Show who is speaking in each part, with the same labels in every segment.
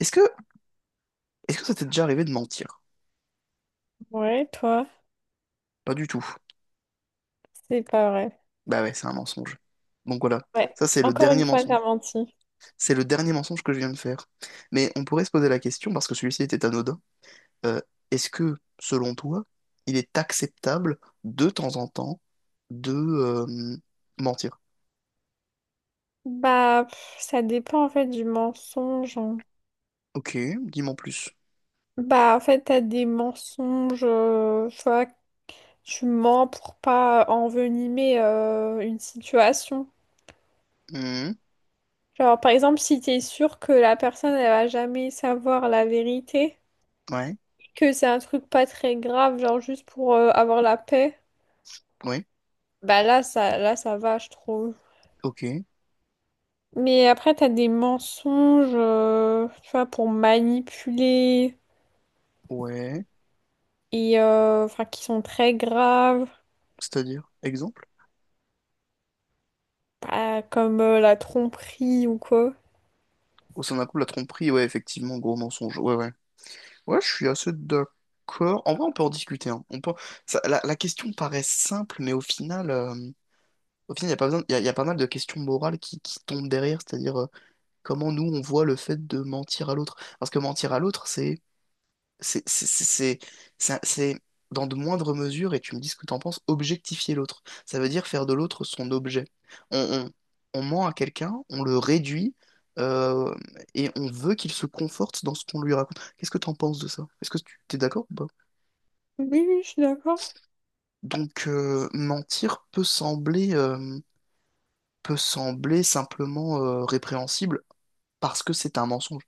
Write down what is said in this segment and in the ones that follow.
Speaker 1: Est-ce que, est-ce que ça t'est déjà arrivé de mentir?
Speaker 2: Ouais, toi,
Speaker 1: Pas du tout.
Speaker 2: c'est pas vrai.
Speaker 1: Bah ouais, c'est un mensonge. Donc voilà,
Speaker 2: Ouais,
Speaker 1: ça c'est le
Speaker 2: encore une
Speaker 1: dernier
Speaker 2: fois,
Speaker 1: mensonge.
Speaker 2: t'as menti.
Speaker 1: C'est le dernier mensonge que je viens de faire. Mais on pourrait se poser la question, parce que celui-ci était anodin, euh, est-ce que, selon toi, il est acceptable de temps en temps de mentir?
Speaker 2: Bah, pff, ça dépend en fait du mensonge, hein.
Speaker 1: Ok, dis-moi en plus.
Speaker 2: Bah, en fait, t'as des mensonges, tu vois, tu mens pour pas envenimer une situation.
Speaker 1: Hmm,
Speaker 2: Genre, par exemple, si t'es sûr que la personne, elle va jamais savoir la vérité,
Speaker 1: ouais,
Speaker 2: que c'est un truc pas très grave, genre juste pour avoir la paix,
Speaker 1: ouais,
Speaker 2: bah là, ça va, je trouve.
Speaker 1: ok,
Speaker 2: Mais après, t'as des mensonges, tu vois, pour manipuler
Speaker 1: ouais.
Speaker 2: et enfin qui sont très graves,
Speaker 1: C'est-à-dire, exemple?
Speaker 2: bah, comme la tromperie ou quoi.
Speaker 1: Au sein d'un couple, la tromperie, ouais, effectivement, gros mensonge. Ouais, ouais. Ouais, je suis assez d'accord. En vrai, on peut en discuter, hein. On peut... La question paraît simple, mais au final, il y a pas besoin... il y a pas mal de questions morales qui tombent derrière, c'est-à-dire, comment nous, on voit le fait de mentir à l'autre. Parce que mentir à l'autre, c'est c'est- c'est- c'est- c'est, dans de moindres mesures, et tu me dis ce que t'en penses, objectifier l'autre. Ça veut dire faire de l'autre son objet. On, on ment à quelqu'un, on le réduit, euh, et on veut qu'il se conforte dans ce qu'on lui raconte. Qu'est-ce que t'en penses de ça? Est-ce que tu t'es d'accord ou pas?
Speaker 2: Oui, oui, je suis d'accord.
Speaker 1: Donc, mentir peut sembler simplement répréhensible parce que c'est un mensonge.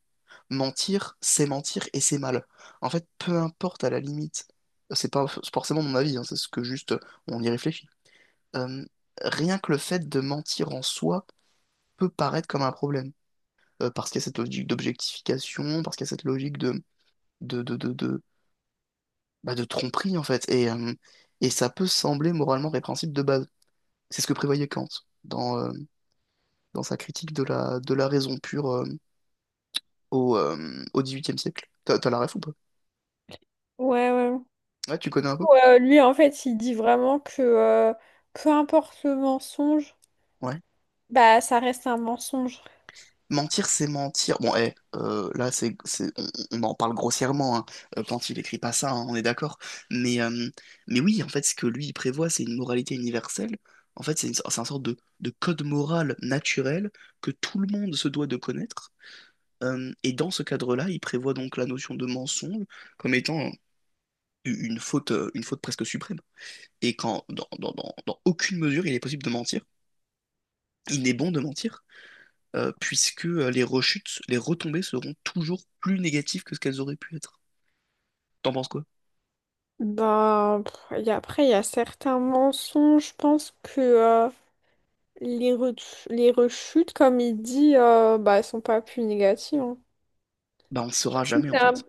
Speaker 1: Mentir, c'est mentir et c'est mal. En fait, peu importe à la limite, c'est pas forcément mon avis, hein, c'est ce que juste on y réfléchit. Euh, Rien que le fait de mentir en soi peut paraître comme un problème. Parce qu'il y a cette logique d'objectification, parce qu'il y a cette logique de, bah, de tromperie en fait. Et et ça peut sembler moralement répréhensible de base. C'est ce que prévoyait Kant dans dans sa critique de la, de la raison pure au, au XVIIIe siècle. T'as, t'as la ref ou pas?
Speaker 2: Ouais, ouais.
Speaker 1: Ouais, tu connais un peu?
Speaker 2: Ouais, lui, en fait, il dit vraiment que peu importe le mensonge,
Speaker 1: Ouais.
Speaker 2: bah ça reste un mensonge.
Speaker 1: Mentir, c'est mentir. Bon, là, on en parle grossièrement, hein, quand il écrit pas ça, hein, on est d'accord. Mais mais oui, en fait, ce que lui, il prévoit, c'est une moralité universelle. En fait, c'est un sorte de code moral naturel que tout le monde se doit de connaître. Et dans ce cadre-là, il prévoit donc la notion de mensonge comme étant une faute presque suprême. Et quand, dans aucune mesure, il est possible de mentir, il n'est bon de mentir. Puisque les rechutes, les retombées seront toujours plus négatives que ce qu'elles auraient pu être. T'en penses quoi?
Speaker 2: Ben, pff, et après, il y a certains mensonges, je pense que les, les rechutes, comme il dit, bah, elles sont pas plus négatives, hein.
Speaker 1: Bah on ne
Speaker 2: Genre,
Speaker 1: saura
Speaker 2: Si
Speaker 1: jamais
Speaker 2: t'es
Speaker 1: en fait.
Speaker 2: un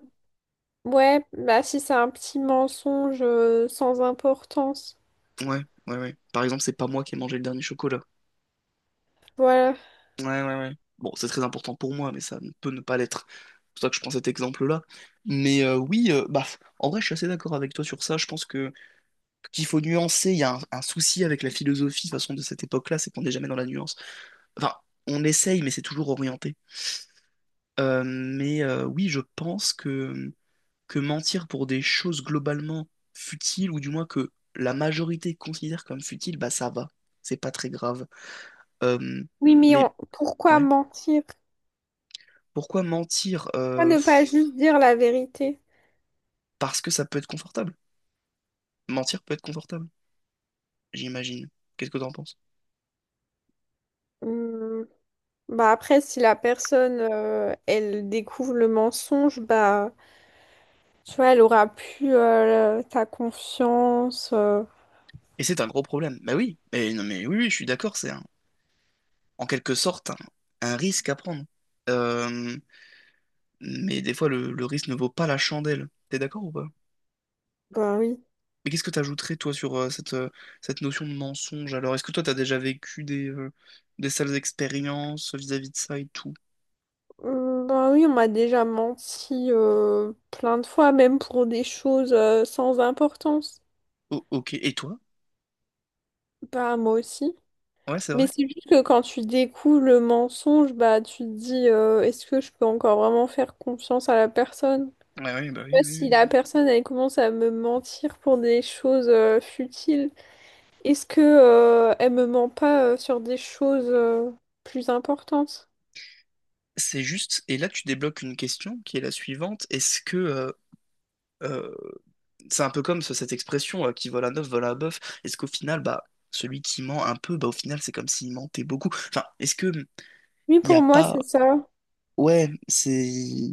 Speaker 2: Ouais, bah si c'est un petit mensonge sans importance.
Speaker 1: Ouais, ouais, ouais. Par exemple, c'est pas moi qui ai mangé le dernier chocolat.
Speaker 2: Voilà.
Speaker 1: Ouais, ouais, ouais. Bon, c'est très important pour moi, mais ça ne peut ne pas l'être. C'est pour ça que je prends cet exemple-là. Mais oui, bah, en vrai, je suis assez d'accord avec toi sur ça. Je pense que qu'il faut nuancer. Il y a un souci avec la philosophie, de toute façon, de cette époque-là, c'est qu'on n'est jamais dans la nuance. Enfin, on essaye, mais c'est toujours orienté. Mais oui, je pense que mentir pour des choses globalement futiles, ou du moins que la majorité considère comme futiles, bah ça va, c'est pas très grave. Euh,
Speaker 2: Oui, mais
Speaker 1: mais
Speaker 2: pourquoi
Speaker 1: ouais,
Speaker 2: mentir?
Speaker 1: pourquoi mentir?
Speaker 2: Pourquoi ne pas juste dire la vérité?
Speaker 1: Parce que ça peut être confortable. Mentir peut être confortable, j'imagine. Qu'est-ce que t'en penses?
Speaker 2: Hum, Bah après, si la personne, elle découvre le mensonge, bah tu vois, elle aura plus ta confiance.
Speaker 1: Et c'est un gros problème. Bah oui, mais non, mais oui, oui, je suis d'accord, c'est un- en quelque sorte un risque à prendre. Euh, mais des fois, le risque ne vaut pas la chandelle. T'es d'accord ou pas?
Speaker 2: Bah oui.
Speaker 1: Mais qu'est-ce que tu ajouterais, toi, sur cette, cette notion de mensonge? Alors, est-ce que toi, tu as déjà vécu des sales expériences vis-à-vis de ça et tout?
Speaker 2: Bah oui, on m'a déjà menti plein de fois, même pour des choses sans importance.
Speaker 1: Oh, ok. Et toi?
Speaker 2: Bah moi aussi.
Speaker 1: Ouais, c'est
Speaker 2: Mais
Speaker 1: vrai.
Speaker 2: c'est juste que quand tu découvres le mensonge, bah tu te dis est-ce que je peux encore vraiment faire confiance à la personne?
Speaker 1: Ouais, ouais, bah oui,
Speaker 2: Tu
Speaker 1: oui,
Speaker 2: si
Speaker 1: oui.
Speaker 2: la personne elle commence à me mentir pour des choses futiles, est-ce que elle me ment pas sur des choses plus importantes?
Speaker 1: C'est juste. Et là, tu débloques une question qui est la suivante. Est-ce que. Euh, c'est un peu comme ce- cette expression qui vole un œuf, vole un bœuf. Est-ce qu'au final, bah, celui qui ment un peu, bah, au final, c'est comme s'il mentait beaucoup. Enfin, est-ce que. Hmm,
Speaker 2: Oui,
Speaker 1: il n'y a
Speaker 2: pour moi
Speaker 1: pas.
Speaker 2: c'est ça.
Speaker 1: Ouais, c'est.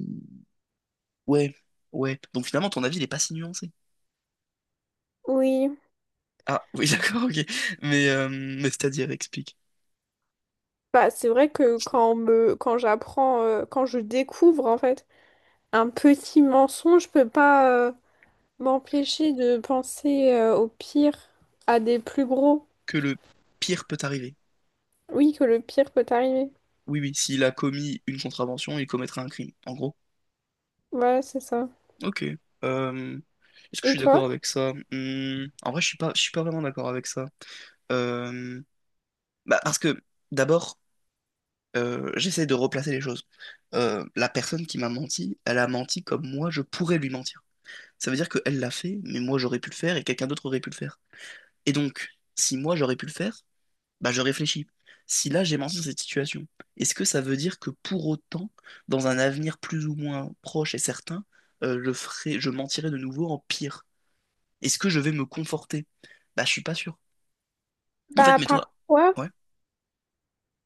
Speaker 1: Ouais, ouais. Donc, finalement, ton avis, il n'est pas si nuancé.
Speaker 2: Oui.
Speaker 1: Ah, oui, d'accord, ok. Mais c'est-à-dire, explique,
Speaker 2: Bah c'est vrai que quand on me quand j'apprends quand je découvre en fait un petit mensonge, je peux pas m'empêcher de penser au pire à des plus gros.
Speaker 1: que le pire peut arriver.
Speaker 2: Oui, que le pire peut t'arriver.
Speaker 1: Oui, oui, s'il a commis une contravention, il commettra un crime, en gros.
Speaker 2: Voilà, c'est ça.
Speaker 1: Ok. Euh, Est-ce que je
Speaker 2: Et
Speaker 1: suis
Speaker 2: toi?
Speaker 1: d'accord avec ça? Hmm, en vrai, je suis pas vraiment d'accord avec ça. Euh, Bah, parce que, d'abord, j'essaie de replacer les choses. La personne qui m'a menti, elle a menti comme moi, je pourrais lui mentir. Ça veut dire qu'elle l'a fait, mais moi j'aurais pu le faire et quelqu'un d'autre aurait pu le faire. Et donc, si moi j'aurais pu le faire, bah, je réfléchis. Si là j'ai menti dans cette situation, est-ce que ça veut dire que pour autant, dans un avenir plus ou moins proche et certain, je ferai, je mentirai de nouveau en pire? Est-ce que je vais me conforter? Bah, je suis pas sûr. En fait,
Speaker 2: Bah,
Speaker 1: mais toi,
Speaker 2: parfois,
Speaker 1: ouais,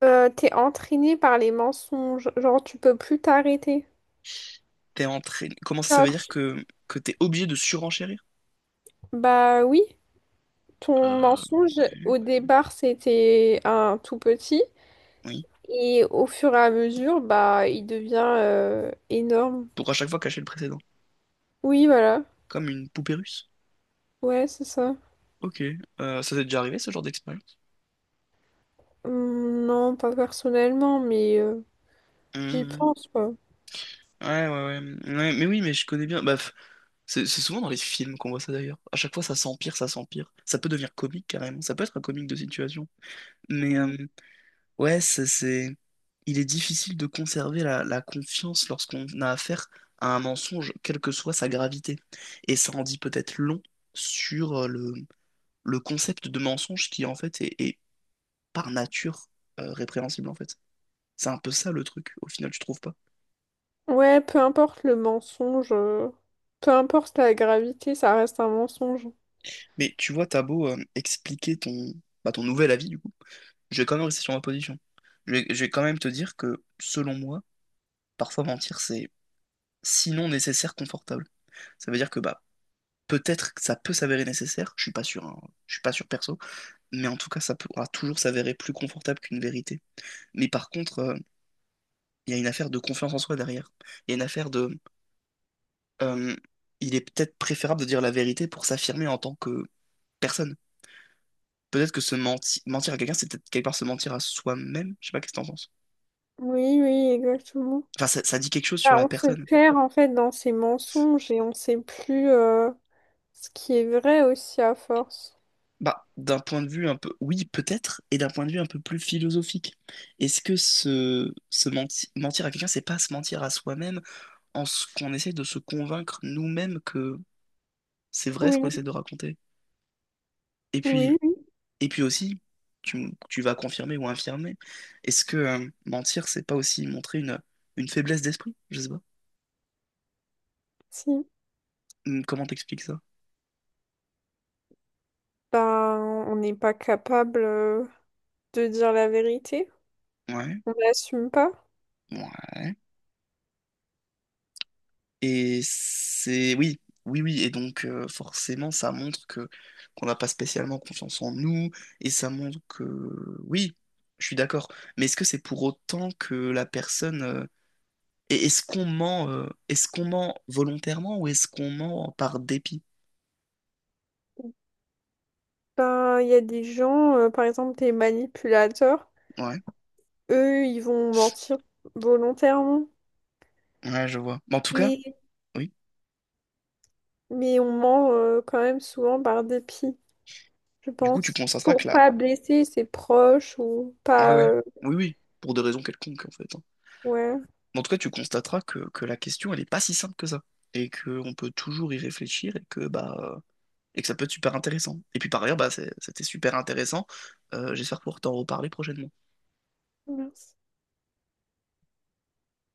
Speaker 2: t'es entraîné par les mensonges. Genre, tu peux plus t'arrêter.
Speaker 1: t'es entraîné. Comment ça, ça veut
Speaker 2: Genre,
Speaker 1: dire
Speaker 2: tu-
Speaker 1: que t'es obligé de surenchérir?
Speaker 2: Bah oui, ton
Speaker 1: Euh,
Speaker 2: mensonge,
Speaker 1: ouais.
Speaker 2: au départ, c'était un tout petit.
Speaker 1: Oui.
Speaker 2: Et au fur et à mesure, bah, il devient énorme.
Speaker 1: Pour à chaque fois cacher le précédent.
Speaker 2: Oui, voilà.
Speaker 1: Comme une poupée russe.
Speaker 2: Ouais, c'est ça.
Speaker 1: Ok. Ça t'est déjà arrivé ce genre d'expérience?
Speaker 2: Non, pas personnellement, mais j'y
Speaker 1: Mhm.
Speaker 2: pense, quoi.
Speaker 1: Ouais, ouais, ouais. Ouais, mais oui, mais je connais bien. Bah, c'est souvent dans les films qu'on voit ça d'ailleurs. À chaque fois, ça s'empire, ça s'empire. Ça peut devenir comique carrément. Ça peut être un comique de situation. Mais
Speaker 2: Mmh.
Speaker 1: euh, ouais, c'est- il est difficile de conserver la, la confiance lorsqu'on a affaire à un mensonge, quelle que soit sa gravité. Et ça en dit peut-être long sur le concept de mensonge qui en fait est, est par nature répréhensible en fait. C'est un peu ça le truc, au final, tu trouves pas?
Speaker 2: Ouais, peu importe le mensonge, peu importe la gravité, ça reste un mensonge.
Speaker 1: Mais tu vois, t'as beau expliquer ton, bah, ton nouvel avis, je vais quand même rester sur ma position. Je vais quand même te dire que, selon moi, parfois mentir, c'est sinon nécessaire, confortable. Ça veut dire que bah peut-être que ça peut s'avérer nécessaire, je suis pas sûr, hein, je suis pas sûr perso, mais en tout cas, ça pourra toujours s'avérer plus confortable qu'une vérité. Mais par contre, il y a une affaire de confiance en soi derrière. Il y a une affaire de... euh, il est peut-être préférable de dire la vérité pour s'affirmer en tant que personne. Peut-être que se menti- mentir à quelqu'un, c'est peut-être quelque part se mentir à soi-même. Je sais pas qu'est-ce que t'en penses.
Speaker 2: Oui, oui, exactement.
Speaker 1: Enfin, ça dit quelque chose sur
Speaker 2: Bah,
Speaker 1: la
Speaker 2: on se
Speaker 1: personne.
Speaker 2: perd en fait dans ces mensonges et on sait plus ce qui est vrai aussi à force.
Speaker 1: Bah, d'un point de vue un peu, oui, peut-être, et d'un point de vue un peu plus philosophique. Est-ce que se menti- mentir à quelqu'un, c'est pas se mentir à soi-même en ce qu'on essaie de se convaincre nous-mêmes que c'est vrai ce qu'on
Speaker 2: Oui,
Speaker 1: essaie de raconter? Et puis,
Speaker 2: oui, oui,
Speaker 1: et puis aussi, tu, m- tu vas confirmer ou infirmer, est-ce que mentir, c'est pas aussi montrer une faiblesse d'esprit? Je sais pas.
Speaker 2: si.
Speaker 1: Comment t'expliques ça?
Speaker 2: Ben, on n'est pas capable de dire la vérité.
Speaker 1: Ouais,
Speaker 2: On n'assume pas.
Speaker 1: ouais. Et c'est oui, oui, oui. Et donc forcément, ça montre que qu'on n'a pas spécialement confiance en nous, et ça montre que oui, je suis d'accord. Mais est-ce que c'est pour autant que la personne et est-ce qu'on ment volontairement ou est-ce qu'on ment par dépit?
Speaker 2: Ben, il y a des gens, par exemple des manipulateurs,
Speaker 1: Ouais,
Speaker 2: eux, ils vont mentir volontairement.
Speaker 1: ouais, je vois. Mais en tout cas,
Speaker 2: Et
Speaker 1: oui.
Speaker 2: mais on ment quand même souvent par dépit, je
Speaker 1: Du coup, tu
Speaker 2: pense.
Speaker 1: constateras que
Speaker 2: Pour
Speaker 1: la
Speaker 2: pas blesser ses proches ou
Speaker 1: ouais,
Speaker 2: pas...
Speaker 1: ouais, oui, oui, pour des raisons quelconques en fait, hein.
Speaker 2: ouais,
Speaker 1: Mais en tout cas, tu constateras que la question, elle est pas si simple que ça. Et qu'on peut toujours y réfléchir et que bah et que ça peut être super intéressant. Et puis par ailleurs, bah, c'est- c'était super intéressant. J'espère pouvoir t'en reparler prochainement.
Speaker 2: merci.